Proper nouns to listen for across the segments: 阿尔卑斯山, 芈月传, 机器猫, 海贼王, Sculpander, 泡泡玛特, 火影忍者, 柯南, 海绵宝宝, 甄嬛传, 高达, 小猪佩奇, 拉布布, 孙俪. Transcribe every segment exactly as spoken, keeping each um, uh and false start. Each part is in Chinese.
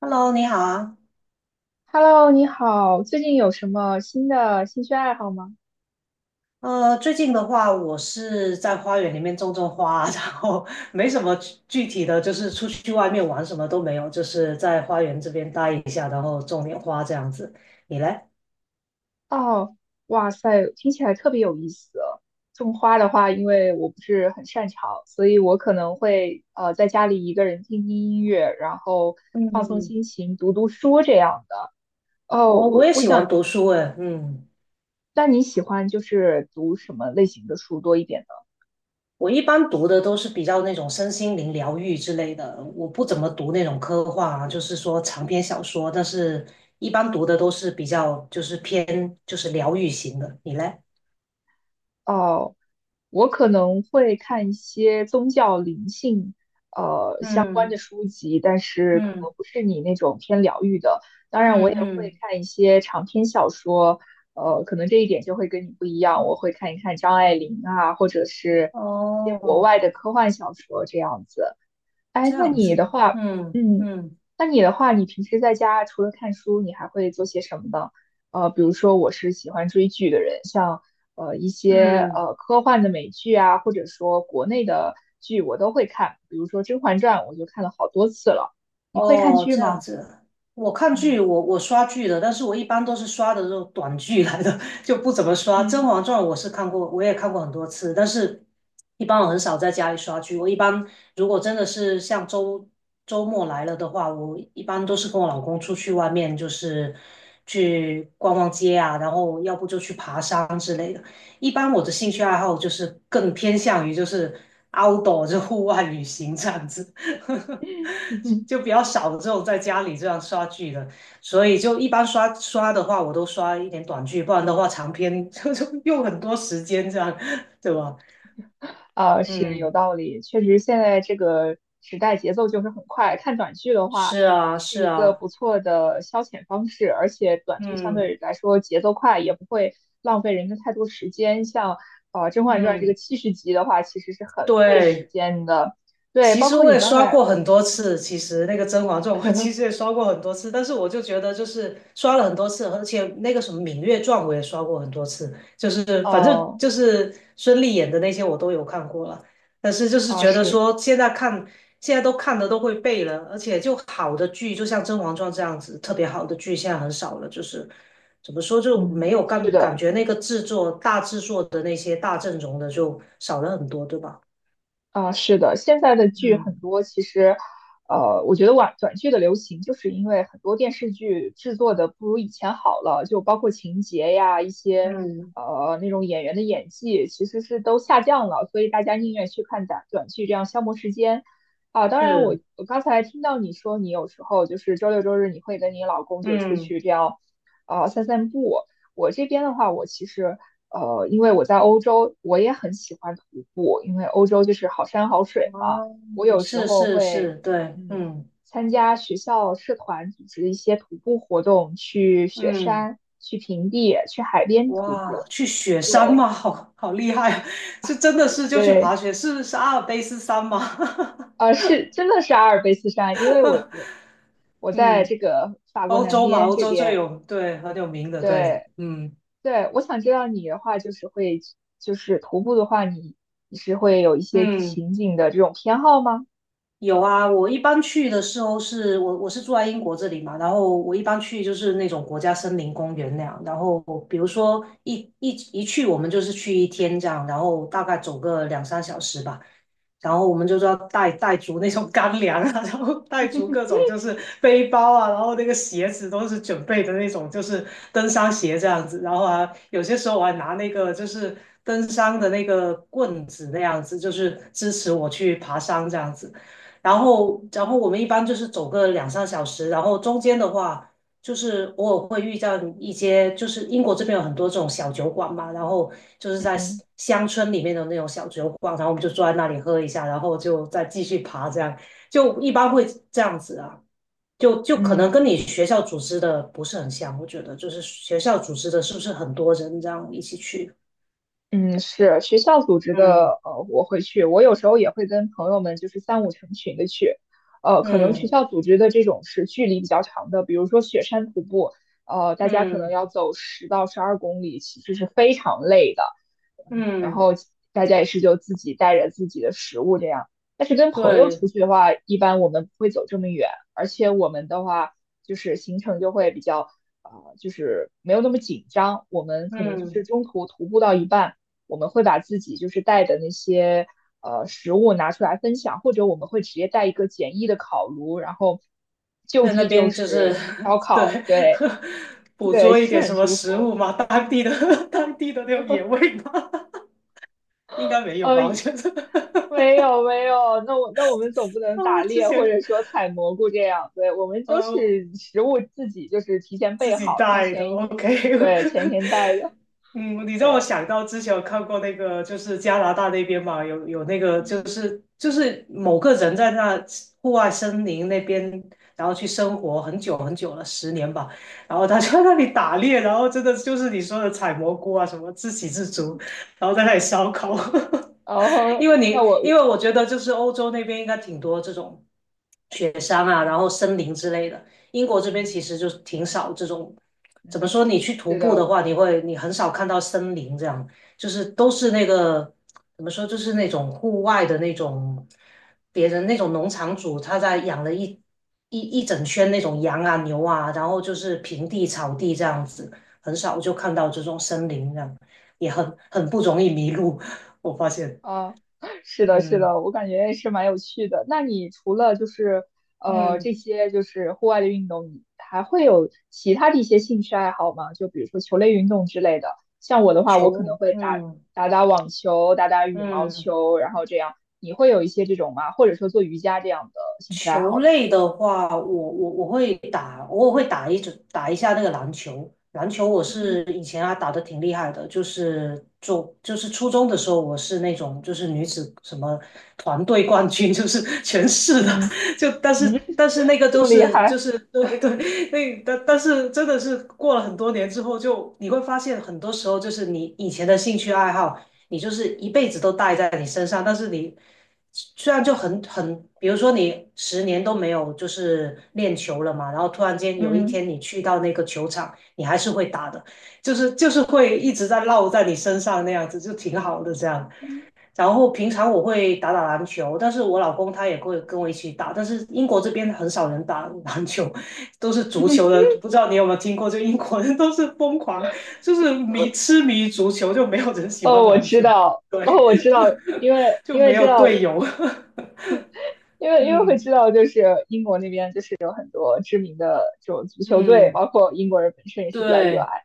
Hello，你好啊。Hello，你好，最近有什么新的兴趣爱好吗？呃，最近的话，我是在花园里面种种花，然后没什么具具体的，就是出去外面玩什么都没有，就是在花园这边待一下，然后种点花这样子。你嘞？哦，哇塞，听起来特别有意思哦。种花的话，因为我不是很擅长，所以我可能会呃在家里一个人听听音乐，然后放松嗯。心情，读读书这样的。哦，哦，我我也我喜欢想，读书诶。嗯。那你喜欢就是读什么类型的书多一点呢？我一般读的都是比较那种身心灵疗愈之类的，我不怎么读那种科幻啊，就是说长篇小说，但是一般读的都是比较就是偏就是疗愈型的。你嘞？哦，我可能会看一些宗教灵性呃相关嗯的书籍，但是可能嗯。不是你那种偏疗愈的。当然，我嗯也会嗯，看一些长篇小说，呃，可能这一点就会跟你不一样。我会看一看张爱玲啊，或者是一些国哦，外的科幻小说这样子。哎，这那样你子的啊。话，嗯嗯，嗯那你的话，你平时在家除了看书，你还会做些什么呢？呃，比如说我是喜欢追剧的人，像呃一些嗯，呃科幻的美剧啊，或者说国内的剧，我都会看。比如说《甄嬛传》，我就看了好多次了。你会看哦，剧这样吗？子。我看剧，嗯我我刷剧的，但是我一般都是刷的这种短剧来的，就不怎么刷。《甄嗯 嬛传》我是看过，我也看过很多次，但是一般我很少在家里刷剧。我一般如果真的是像周周末来了的话，我一般都是跟我老公出去外面，就是去逛逛街啊，然后要不就去爬山之类的。一般我的兴趣爱好就是更偏向于就是 outdoor，就户外旅行这样子。就 比较少的这种在家里这样刷剧的，所以就一般刷刷的话，我都刷一点短剧，不然的话长篇就就用很多时间这样，对吧？啊，是嗯，有道理，确实现在这个时代节奏就是很快，看短剧的话是啊，是是一个啊。不错的消遣方式，而且短剧相嗯对来说节奏快，也不会浪费人的太多时间。像呃《甄嬛传》这个嗯，七十集的话，其实是很费时对。间的。对，其包实括我你也刚刷才，过很多次，其实那个《甄嬛传》我其实也 刷过很多次，但是我就觉得就是刷了很多次，而且那个什么《芈月传》我也刷过很多次，就是反正呃，就是孙俪演的那些我都有看过了，但是就是啊觉得是，说现在看现在都看的都会背了，而且就好的剧，就像《甄嬛传》这样子特别好的剧现在很少了，就是怎么说就没嗯，有是感感的。觉那个制作大制作的那些大阵容的就少了很多，对吧？啊，是的，现在的剧嗯很多，其实，呃，我觉得短短剧的流行，就是因为很多电视剧制作的不如以前好了，就包括情节呀，一些嗯。呃那种演员的演技，其实是都下降了，所以大家宁愿去看短短剧，这样消磨时间。啊，当然我，是，我刚才听到你说，你有时候就是周六周日你会跟你老公就出嗯。去这样，呃，散散步。我这边的话，我其实。呃，因为我在欧洲，我也很喜欢徒步，因为欧洲就是好山好水嘛。哦，我有时是候是会，是，对。嗯，嗯参加学校社团组织的一些徒步活动，去雪嗯，山、去平地、去海边徒哇，步。去雪山对吗？好好厉害啊，是真的是就去对，爬雪，是是阿尔卑斯山吗？呃，是真的是阿尔卑斯山，因为我 我我在嗯，这个法国欧南洲嘛，边欧这洲最边。有，对，很有名的，对。对嗯对，我想知道你的话，就是会就是徒步的话，你你是会有一些嗯。情景的这种偏好吗？有啊，我一般去的时候是我我是住在英国这里嘛，然后我一般去就是那种国家森林公园那样，然后比如说一一一去我们就是去一天这样，然后大概走个两三小时吧，然后我们就是要带带足那种干粮啊，然后带足各 种就是背包啊，然后那个鞋子都是准备的那种就是登山鞋这样子，然后啊有些时候我还拿那个就是登山的那个棍子那样子，就是支持我去爬山这样子。然后，然后我们一般就是走个两三小时，然后中间的话，就是偶尔会遇到一些，就是英国这边有很多这种小酒馆嘛，然后就是在乡嗯乡村里面的那种小酒馆，然后我们就坐在那里喝一下，然后就再继续爬，这样就一般会这样子啊，就就可能嗯，跟你学校组织的不是很像，我觉得就是学校组织的是不是很多人这样一起去？嗯，是学校组织嗯的，呃，我会去，我有时候也会跟朋友们就是三五成群的去，呃，可能学嗯嗯校组织的这种是距离比较长的，比如说雪山徒步，呃，大家可能嗯要走十到十二公里，其实是非常累的，嗯然嗯，后大家也是就自己带着自己的食物这样，但是跟朋友对，出去的话，一般我们不会走这么远，而且我们的话就是行程就会比较。啊呃就是没有那么紧张。我们可能就嗯。是中途徒步到一半，我们会把自己就是带的那些呃食物拿出来分享，或者我们会直接带一个简易的烤炉，然后就在那地就边就是 是烧 烤，对 对 捕对，捉一是点很什么舒食服。物嘛。当地的 当地的那种野味吗？应该没有呃，吧？我觉得。没有没有，那我那我们总不能啊，打我之猎或前者说采蘑菇这样，对，我们都呃，是食物自己就是提前自备己好，然后带的前一天，，OK。对，前一天带 的，嗯，你让我对，想到之前有看过那个，就是加拿大那边嘛，有有那个，就嗯是就是某个人在那户外森林那边，然后去生活很久很久了，十年吧，然后他就在那里打猎，然后真的就是你说的采蘑菇啊，什么自给自足，然后在那里烧烤。然 后因为那你因我，为我觉得就是欧洲那边应该挺多这种。雪山啊，然嗯后森林之类的。英国这边其嗯实就挺少这种，嗯怎么嗯，说？你去徒是步的的。话，你会你很少看到森林这样，就是都是那个怎么说，就是那种户外的那种，别人那种农场主他在养了一一一整圈那种羊啊牛啊，然后就是平地草地这样子，很少就看到这种森林这样，也很很不容易迷路，我发现。啊，是的，是嗯的，我感觉是蛮有趣的。那你除了就是呃这嗯，些就是户外的运动，你还会有其他的一些兴趣爱好吗？就比如说球类运动之类的。像我的话，我可求，能会打嗯。打打网球，打打羽毛嗯。球，然后这样。你会有一些这种吗？或者说做瑜伽这样的兴趣爱球好呢？类的话，我我我会打，偶尔会打一直打一下那个篮球。篮球我是嗯以前啊打得挺厉害的，就是就就是初中的时候，我是那种就是女子什么团队冠军，就是全市的。嗯 就嗯，但是但是 那个这都么厉是就害。是对对。那但但是真的是过了很多年之后就，你会发现很多时候就是你以前的兴趣爱好。你就是一辈子都带在你身上，但是你虽然就很很，比如说你十年都没有就是练球了嘛，然后突然间有一嗯。天你去到那个球场，你还是会打的，就是就是会一直在烙在你身上那样子，就挺好的这样。然后平常我会打打篮球，但是我老公他也会跟我一起打，但是英国这边很少人打篮球，都是足球的。不知道你有没有听过，就英国人都是疯狂，就是迷痴迷足球，就没有人喜哦，欢我篮知球，道，对。哦，我知道，因为 就因为没知有道，队友。因为因为会嗯知道，就是英国那边就是有很多知名的这种足球队，嗯，包括英国人本身也是比较热对爱。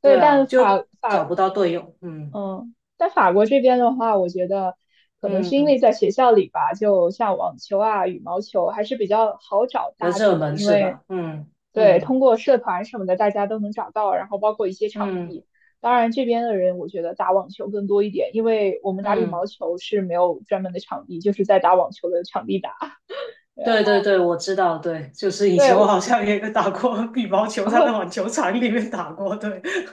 对，对啊，但法就法找不到队友。嗯嗯，但法国这边的话，我觉得可能是因嗯，为在学校里吧，就像网球啊、羽毛球还是比较好找比较搭子热的，门因是为吧？嗯对嗯通过社团什么的，大家都能找到，然后包括一些场嗯地。当然，这边的人我觉得打网球更多一点，因为我们打羽毛嗯。球是没有专门的场地，就是在打网球的场地打。对啊，对对对，我知道，对，就是以前我对，好像也打过 羽毛球，在那网球场里面打过，对。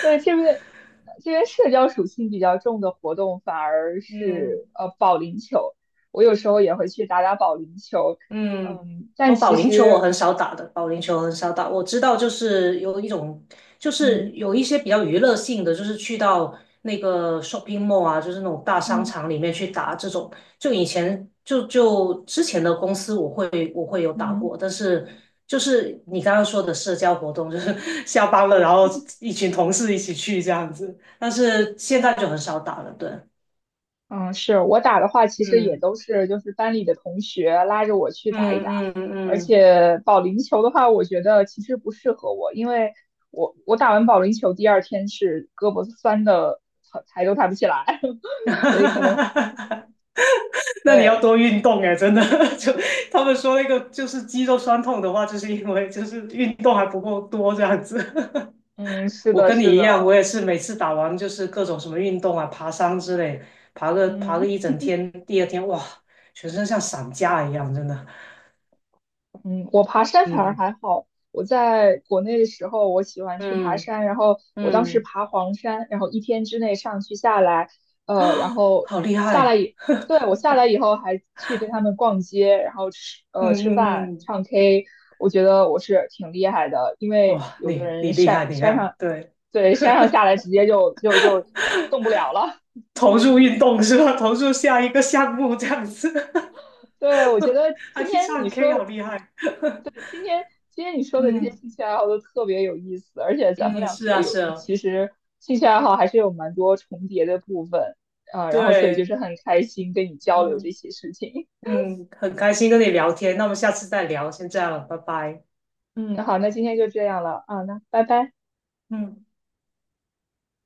对，这边这边社交属性比较重的活动反而嗯。是呃保龄球，我有时候也会去打打保龄球，嗯，嗯，但我保其龄球我实很少打的，保龄球很少打。我知道，就是有一种，就是嗯有一些比较娱乐性的，就是去到那个 shopping mall 啊，就是那种大商嗯场里面去打这种。就以前就就之前的公司，我会我会有打嗯过，但是就是你刚刚说的社交活动，就是 下班了，然后一群同事一起去这样子。但是现在就很少打了，对。嗯，是我打的话，其实也嗯都是就是班里的同学拉着我去打一嗯打，嗯而嗯。嗯 且保龄球的话，我觉得其实不适合我，因为我我打完保龄球第二天是胳膊酸的，抬抬都抬不起来，哈 哈所以可能哈哈哈！那你要对。多运动哎，真的。就他们说那个就是肌肉酸痛的话，就是因为就是运动还不够多这样子。嗯，是我的，跟你是一的，样，我也是每次打完就是各种什么运动啊，爬山之类，爬个爬个嗯一整天，第二天哇，全身像散架一样，真的。嗯，我爬山反而嗯还好。我在国内的时候，我喜欢去爬嗯山，然后我当时嗯，爬黄山，然后一天之内上去下来，呃，然后好厉下来害。以，对，我下来以后还去跟他们逛街，然后吃呃嗯吃饭、嗯嗯，唱 K,我觉得我是挺厉害的，因为哇，有的你你人厉害，山你厉山害，上，对，对，山上下来直接就就就动不了了。投入运动是吧？投入下一个项目这样子。对，我觉得 还今去天你唱 K，说好厉害。今天你说的这些嗯兴趣爱好都特别有意思，而且咱们嗯，两是个啊有是啊，其实兴趣爱好还是有蛮多重叠的部分，啊、然后所以就对。是很开心跟你交流嗯这些事情。嗯，很开心跟你聊天，那我们下次再聊，先这样了，拜拜。嗯，好，那今天就这样了啊，那拜拜。嗯。